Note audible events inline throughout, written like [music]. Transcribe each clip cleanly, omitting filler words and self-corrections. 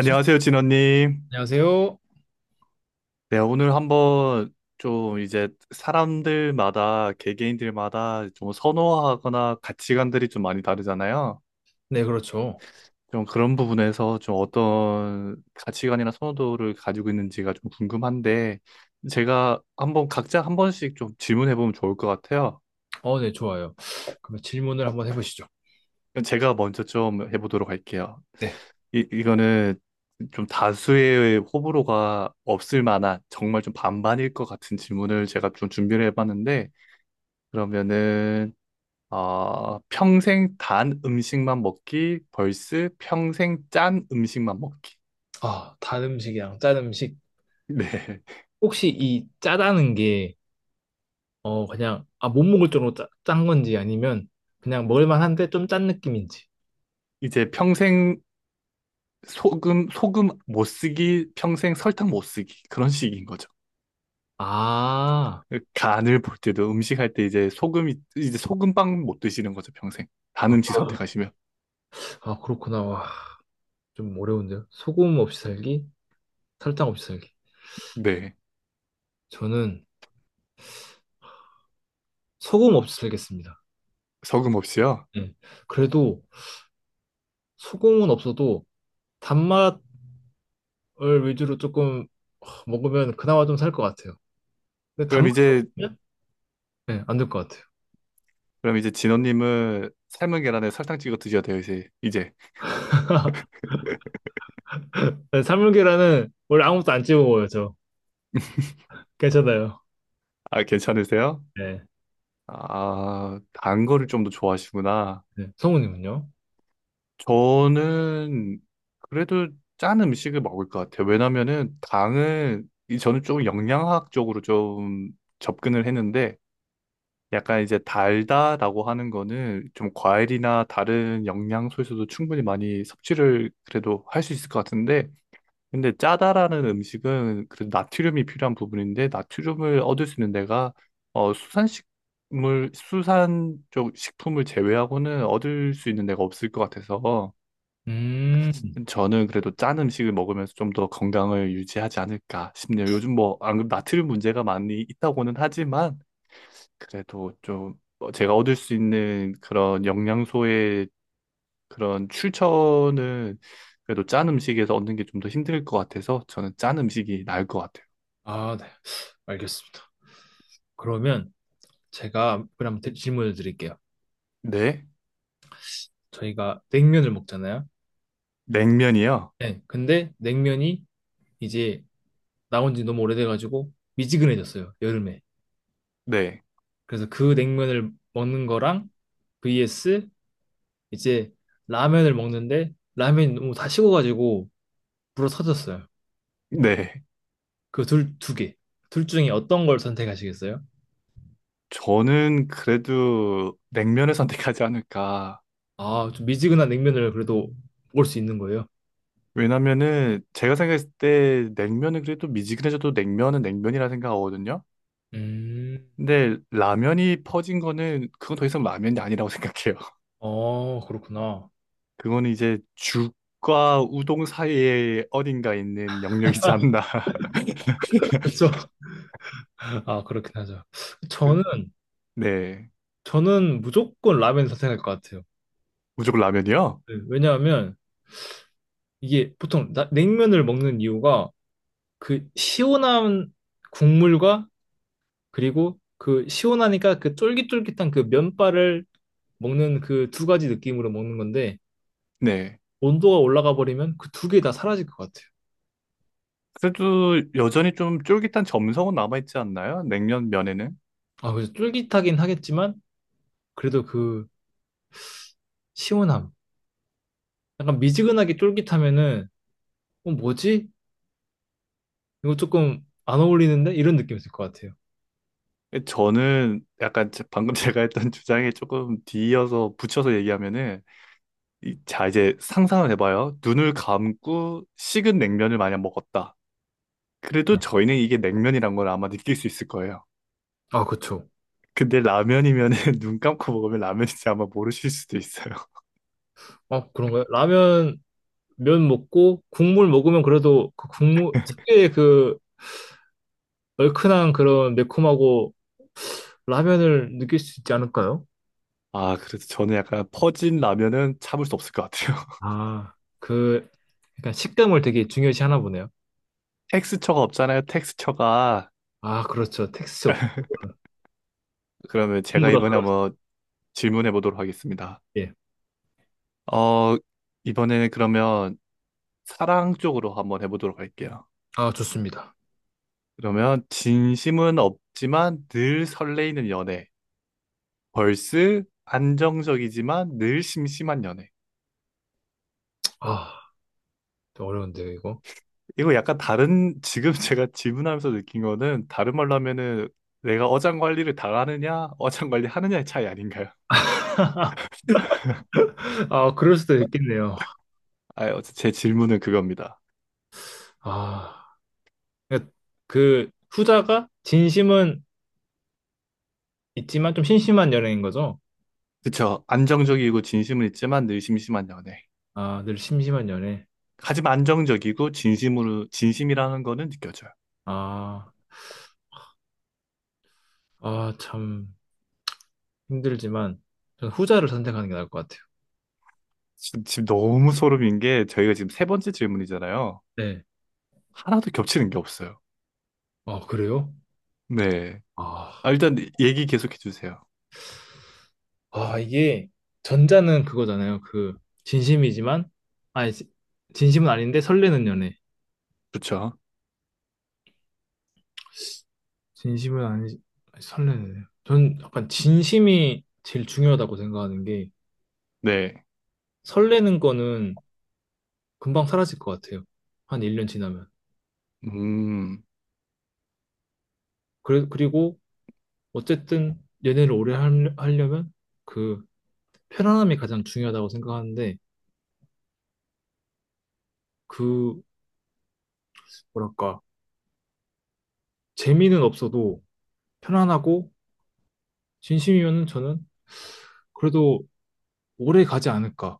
진원님. 안녕하세요. 네, 오늘 한번 좀 이제 사람들마다, 개개인들마다 좀 선호하거나 가치관들이 좀 많이 다르잖아요. 네, 그렇죠. 좀 그런 부분에서 좀 어떤 가치관이나 선호도를 가지고 있는지가 좀 궁금한데, 제가 한번 각자 한 번씩 좀 질문해보면 좋을 것 같아요. 네, 좋아요. 그러면 질문을 한번 해보시죠. 그럼 제가 먼저 좀 해보도록 할게요. 네. 이거는 좀 다수의 호불호가 없을 만한 정말 좀 반반일 것 같은 질문을 제가 좀 준비를 해봤는데 그러면은 평생 단 음식만 먹기 vs 평생 짠 음식만 먹기. 아, 단 음식이랑 짠 음식. [laughs] 네. 혹시 이 짜다는 게, 그냥, 아, 못 먹을 정도로 짠 건지 아니면 그냥 먹을만한데 좀 짠 느낌인지. 이제 평생 소금 못 쓰기, 평생 설탕 못 쓰기 그런 식인 거죠. 아, 간을 볼 때도 음식 할 때 이제 소금빵 못 드시는 거죠, 평생 단 아, 음식 선택하시면. 아, 그렇구나. 와, 좀 어려운데요. 소금 없이 살기, 설탕 없이 살기. 네, 저는 소금 없이 살겠습니다. 소금 없이요? 네. 그래도 소금은 없어도 단맛 을 위주로 조금 먹으면 그나마 좀 살 것 같아요. 근데 그럼 단맛이 이제 없으면 네, 안될 것 같아요. 그럼 이제 진호님은 삶은 계란에 설탕 찍어 드셔야 돼요, 이제. 네, 사물계란은 원래 아무것도 안 찍어 먹어요, 저. 괜찮아요. 아, 괜찮으세요? 네. 아, 단 거를 좀 더 좋아하시구나. 네. 성우님은요? 저는 그래도 짠 음식을 먹을 것 같아요. 왜냐면은 당은 이 저는 좀 영양학적으로 좀 접근을 했는데, 약간 이제 달다라고 하는 거는 좀 과일이나 다른 영양소에서도 충분히 많이 섭취를 그래도 할 수 있을 것 같은데, 근데 짜다라는 음식은 그래도 나트륨이 필요한 부분인데, 나트륨을 얻을 수 있는 데가 수산식물, 수산 쪽 식품을 제외하고는 얻을 수 있는 데가 없을 것 같아서, 음, 저는 그래도 짠 음식을 먹으면서 좀 더 건강을 유지하지 않을까 싶네요. 요즘 뭐, 안 그래도 나트륨 문제가 많이 있다고는 하지만, 그래도 좀 제가 얻을 수 있는 그런 영양소의 그런 출처는 그래도 짠 음식에서 얻는 게 좀 더 힘들 것 같아서 저는 짠 음식이 나을 것 같아요. 아, 네. 알겠습니다. 그러면 제가 그럼 질문을 드릴게요. 네? 저희가 냉면을 먹잖아요. 냉면이요? 네. 근데 냉면이 이제 나온 지 너무 오래돼가지고 미지근해졌어요, 여름에. 네. 그래서 그 냉면을 먹는 거랑 vs 이제 라면을 먹는데 라면이 너무 다 식어가지고 불어 터졌어요. 네. 그 두 개. 둘 중에 어떤 걸 선택하시겠어요? 저는 그래도 냉면을 선택하지 [laughs] 않을까. 아, 좀 미지근한 냉면을 그래도 먹을 수 있는 거예요? 왜냐면은 제가 생각했을 때 냉면은 그래도 미지근해져도 냉면은 냉면이라 생각하거든요. 음. 근데 라면이 퍼진 거는 그건 더 이상 라면이 아니라고 [laughs] 생각해요. 그렇구나. 그거는 이제 죽과 우동 사이에 어딘가 있는 영역이지 않나. [laughs] 그렇죠. [laughs] 아, 그렇긴 하죠. 그- 저는, 네. 저는 무조건 라면 선택할 것 같아요. 무조건 라면이요? 네, 왜냐하면 이게 보통 냉면을 먹는 이유가 그 시원한 국물과 그리고 그 시원하니까 그 쫄깃쫄깃한 그 면발을 먹는 그 두 가지 느낌으로 먹는 건데 네. 온도가 올라가 버리면 그 두 개 다 사라질 것 같아요. 그래도 여전히 좀 쫄깃한 점성은 남아있지 않나요? 냉면 면에는? 아, 그래서 쫄깃하긴 하겠지만 그래도 그 시원함. 약간 미지근하게 쫄깃하면은 뭐지? 이거 조금 안 어울리는데? 이런 느낌이 있을 것 같아요. 저는 약간 방금 [laughs] 제가 했던 주장에 조금 뒤이어서 붙여서 얘기하면은, 자, 이제 상상을 해봐요. 눈을 감고 식은 냉면을 마냥 먹었다. 그래도 저희는 이게 냉면이란 걸 아마 느낄 수 있을 거예요. 아, 그쵸. 근데 라면이면은 [laughs] 눈 감고 먹으면 라면인지 아마 모르실 수도 있어요. 아, 그런가요? 라면, 면 먹고, 국물 먹으면 그래도 그 국물, 특유의 그 얼큰한 그런 매콤하고 라면을 느낄 수 있지 않을까요? 아, 그래서 저는 약간 퍼진 라면은 참을 수 없을 것 같아요. [laughs] 아, 그, 약간 식감을 되게 중요시 하나 보네요. 텍스처가 없잖아요, 텍스처가. 아, 그렇죠. 택스 없, 그러면 제가 전부 다 이번에 살았을 한번 질문해 보도록 하겠습니다. 때. 어, 이번에는 그러면 사랑 쪽으로 한번 해보도록 할게요. 아, 좋습니다. 그러면 진심은 없지만 늘 설레이는 연애. 벌스 안정적이지만 늘 심심한 연애. 아, 어려운데요, 이거. 이거 약간 다른, [laughs] 지금 제가 질문하면서 느낀 거는 다른 말로 하면은 내가 어장 관리를 당하느냐, 어장 관리 하느냐의 차이 아닌가요? [laughs] 아, 그럴 수도 있겠네요. 아, 제 질문은 그겁니다. 아, 그러니까 그 후자가 진심은 있지만 좀 심심한 연애인 거죠? 그쵸. 안정적이고 진심은 있지만 늘 심심한 연애. 아, 늘 심심한 연애. 하지만 안정적이고 진심으로, 진심이라는 거는 느껴져요. 아, 아, 참 힘들지만 저는 후자를 선택하는 게 나을 것 같아요. 지금 너무 소름인 게 저희가 지금 세 번째 질문이잖아요. 네. 하나도 겹치는 게 없어요. 아, 그래요? 네. 아, 아, 일단 얘기 계속해 주세요. 아, 이게 전자는 그거잖아요. 그 진심이지만, 아, 진심은 아닌데 설레는 연애. 그쵸. 진심은 아니, 설레네요. 전 약간 진심이 제일 중요하다고 생각하는 게 네. 설레는 거는 금방 사라질 것 같아요. 한 1년 지나면. 음. 그래, 그리고 어쨌든 연애를 오래 하려면 그 편안함이 가장 중요하다고 생각하는데 그 뭐랄까 재미는 없어도 편안하고 진심이면은 저는 그래도 오래 가지 않을까.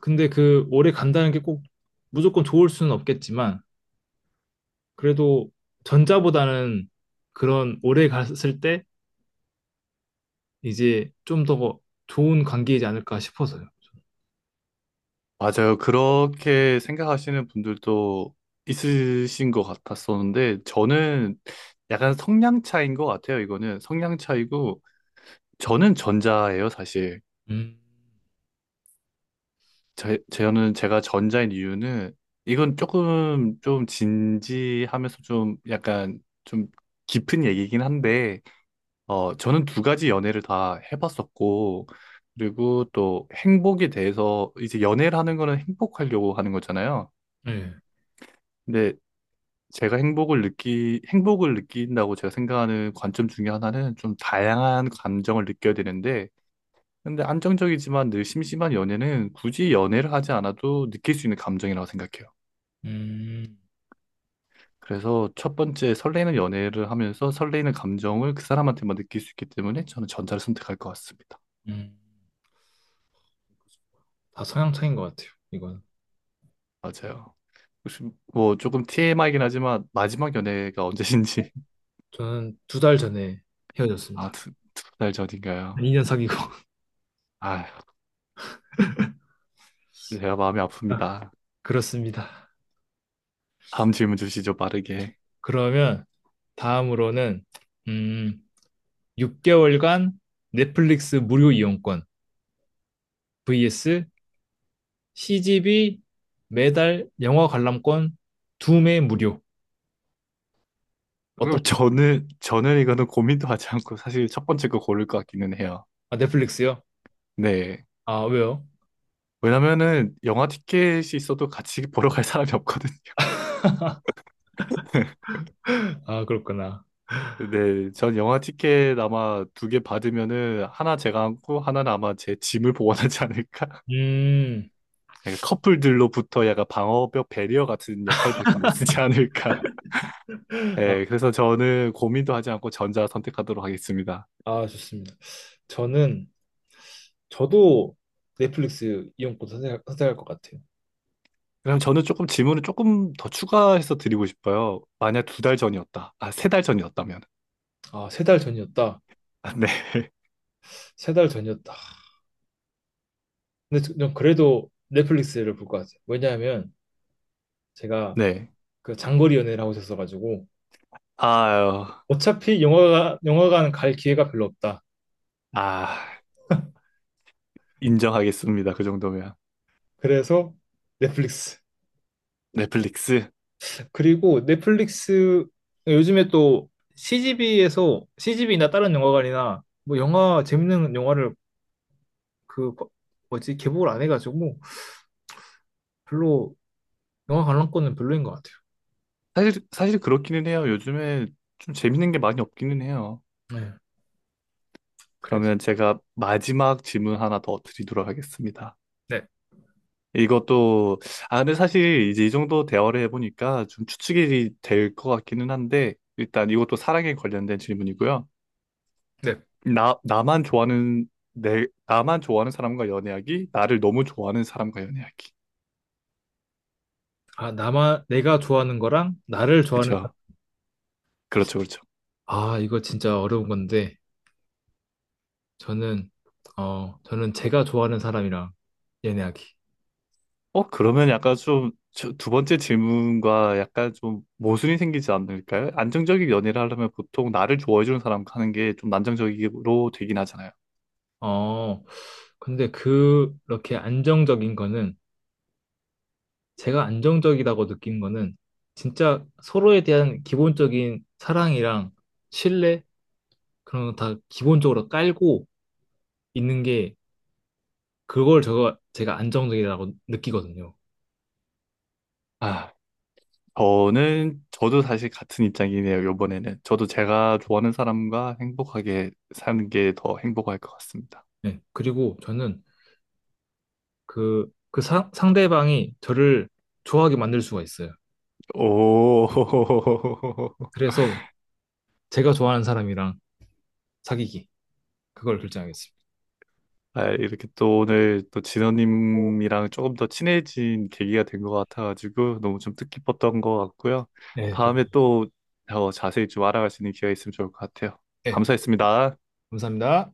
근데 그 오래 간다는 게 꼭 무조건 좋을 수는 없겠지만 그래도 전자보다는 그런 오래 갔을 때 이제 좀 더 좋은 관계이지 않을까 싶어서요. 맞아요. 그렇게 생각하시는 분들도 있으신 것 같았었는데, 저는 약간 성향 차이인 것 같아요. 이거는 성향 차이고, 저는 전자예요, 사실. 음, 저는 제가 전자인 이유는, 이건 조금 좀 진지하면서 좀 약간 좀 깊은 얘기긴 한데, 저는 두 가지 연애를 다 해봤었고, 그리고 또 행복에 대해서, 이제 연애를 하는 거는 행복하려고 하는 거잖아요. 네. 근데 제가 행복을 느낀다고 제가 생각하는 관점 중에 하나는 좀 다양한 감정을 느껴야 되는데, 근데 안정적이지만 늘 심심한 연애는 굳이 연애를 하지 않아도 느낄 수 있는 감정이라고 생각해요. 음, 그래서 첫 번째 설레는 연애를 하면서 설레는 감정을 그 사람한테만 느낄 수 있기 때문에 저는 전자를 선택할 것 같습니다. 음. 다 성향 차이인 것 같아요, 이거는. 맞아요. 혹시 뭐 조금 TMI이긴 하지만 마지막 연애가 언제신지. 저는 두 달 전에 [laughs] 아, 헤어졌습니다. 두 달 전인가요? 2년 사귀고. [laughs] 아, 제가 마음이 아, 아픕니다. 그렇습니다. 다음 질문 주시죠, 빠르게. 그러면 다음으로는, 음, 6개월간 넷플릭스 무료 이용권 vs CGV 매달 영화 관람권 두 매 무료. 어떤, 그럼 저는 이거는 고민도 하지 않고 사실 첫 번째 거 고를 것 같기는 해요. 아, 넷플릭스요? 네. 아, 왜요? 왜냐면은 영화 티켓이 있어도 같이 [laughs] 보러 갈 사람이 없거든요. [laughs] 아, 그렇구나. 네. 전 영화 티켓 아마 두 개 받으면은 하나 제가 안고 하나는 아마 제 짐을 보관하지 않을까? [laughs] 음, 약간 커플들로부터 약간 방어벽 배리어 같은 역할밖에 못 쓰지 않을까? [laughs] 아, 네. 그래서 저는 고민도 하지 않고 전자 선택하도록 하겠습니다. 아, 좋습니다. 저는, 저도 넷플릭스 이용권 선택할 것 같아요. 그럼 저는 조금 질문을 조금 더 추가해서 드리고 싶어요. 만약 두 달 전이었다. 아, 세 달 전이었다면. 아, 세 달 전이었다. 아, 네. [laughs] 세 달 전이었다. 근데 전 그래도 넷플릭스를 볼 것 같아요. 왜냐하면 제가 네. 그 장거리 연애를 하고 있었어가지고 아유. 어차피 영화관 갈 기회가 별로 없다. 아, 인정하겠습니다. 그 정도면. 그래서 넷플릭스. 넷플릭스. 그리고 넷플릭스 요즘에 또 CGV에서 CGV나 다른 영화관이나 뭐 영화 재밌는 영화를 그 거- 뭐지, 개봉을 안 해가지고 별로 영화 관람권은 별로인 것 같아요. 사실 그렇기는 해요. 요즘에 좀 재밌는 게 많이 없기는 해요. 네, 그래서 그러면 제가 마지막 질문 하나 더 드리도록 하겠습니다. 네, 이것도, 아, 근데 사실 이제 이 정도 대화를 해보니까 좀 추측이 될 것 같기는 한데, 일단 이것도 사랑에 관련된 질문이고요. 네. 나, 나만 좋아하는, 내, 나만 좋아하는 사람과 연애하기, 나를 너무 좋아하는 사람과 연애하기. 아, 나만 내가 좋아하는 거랑 나를 좋아하는. 그죠? 그렇죠, 그렇죠. 아, 이거 진짜 어려운 건데 저는 제가 좋아하는 사람이랑 연애하기. 그러면 약간 좀, 저, 두 번째 질문과 약간 좀 모순이 생기지 않을까요? 안정적인 연애를 하려면 보통 나를 좋아해주는 사람과 하는 게 좀 안정적으로 되긴 하잖아요. 어 근데 그렇게 안정적인 거는 제가 안정적이라고 느낀 거는 진짜 서로에 대한 기본적인 사랑이랑 신뢰 그런 거 다 기본적으로 깔고 있는 게 그걸 제가 안정적이라고 느끼거든요. 아, 저는, 저도 사실 같은 입장이네요, 요번에는. 저도 제가 좋아하는 사람과 행복하게 사는 게 더 행복할 것 같습니다. 네. 그리고 저는 상대방이 저를 좋아하게 만들 수가 있어요. 오. [laughs] 그래서 제가 좋아하는 사람이랑 사귀기. 그걸 결정하겠습니다. 아, 이렇게 또 오늘 또 진호님이랑 조금 더 친해진 계기가 된 것 같아가지고 너무 좀 뜻깊었던 것 같고요. 네, 다음에 또 더 자세히 좀 알아갈 수 있는 기회가 있으면 좋을 것 같아요. 네, 감사했습니다. 감사합니다.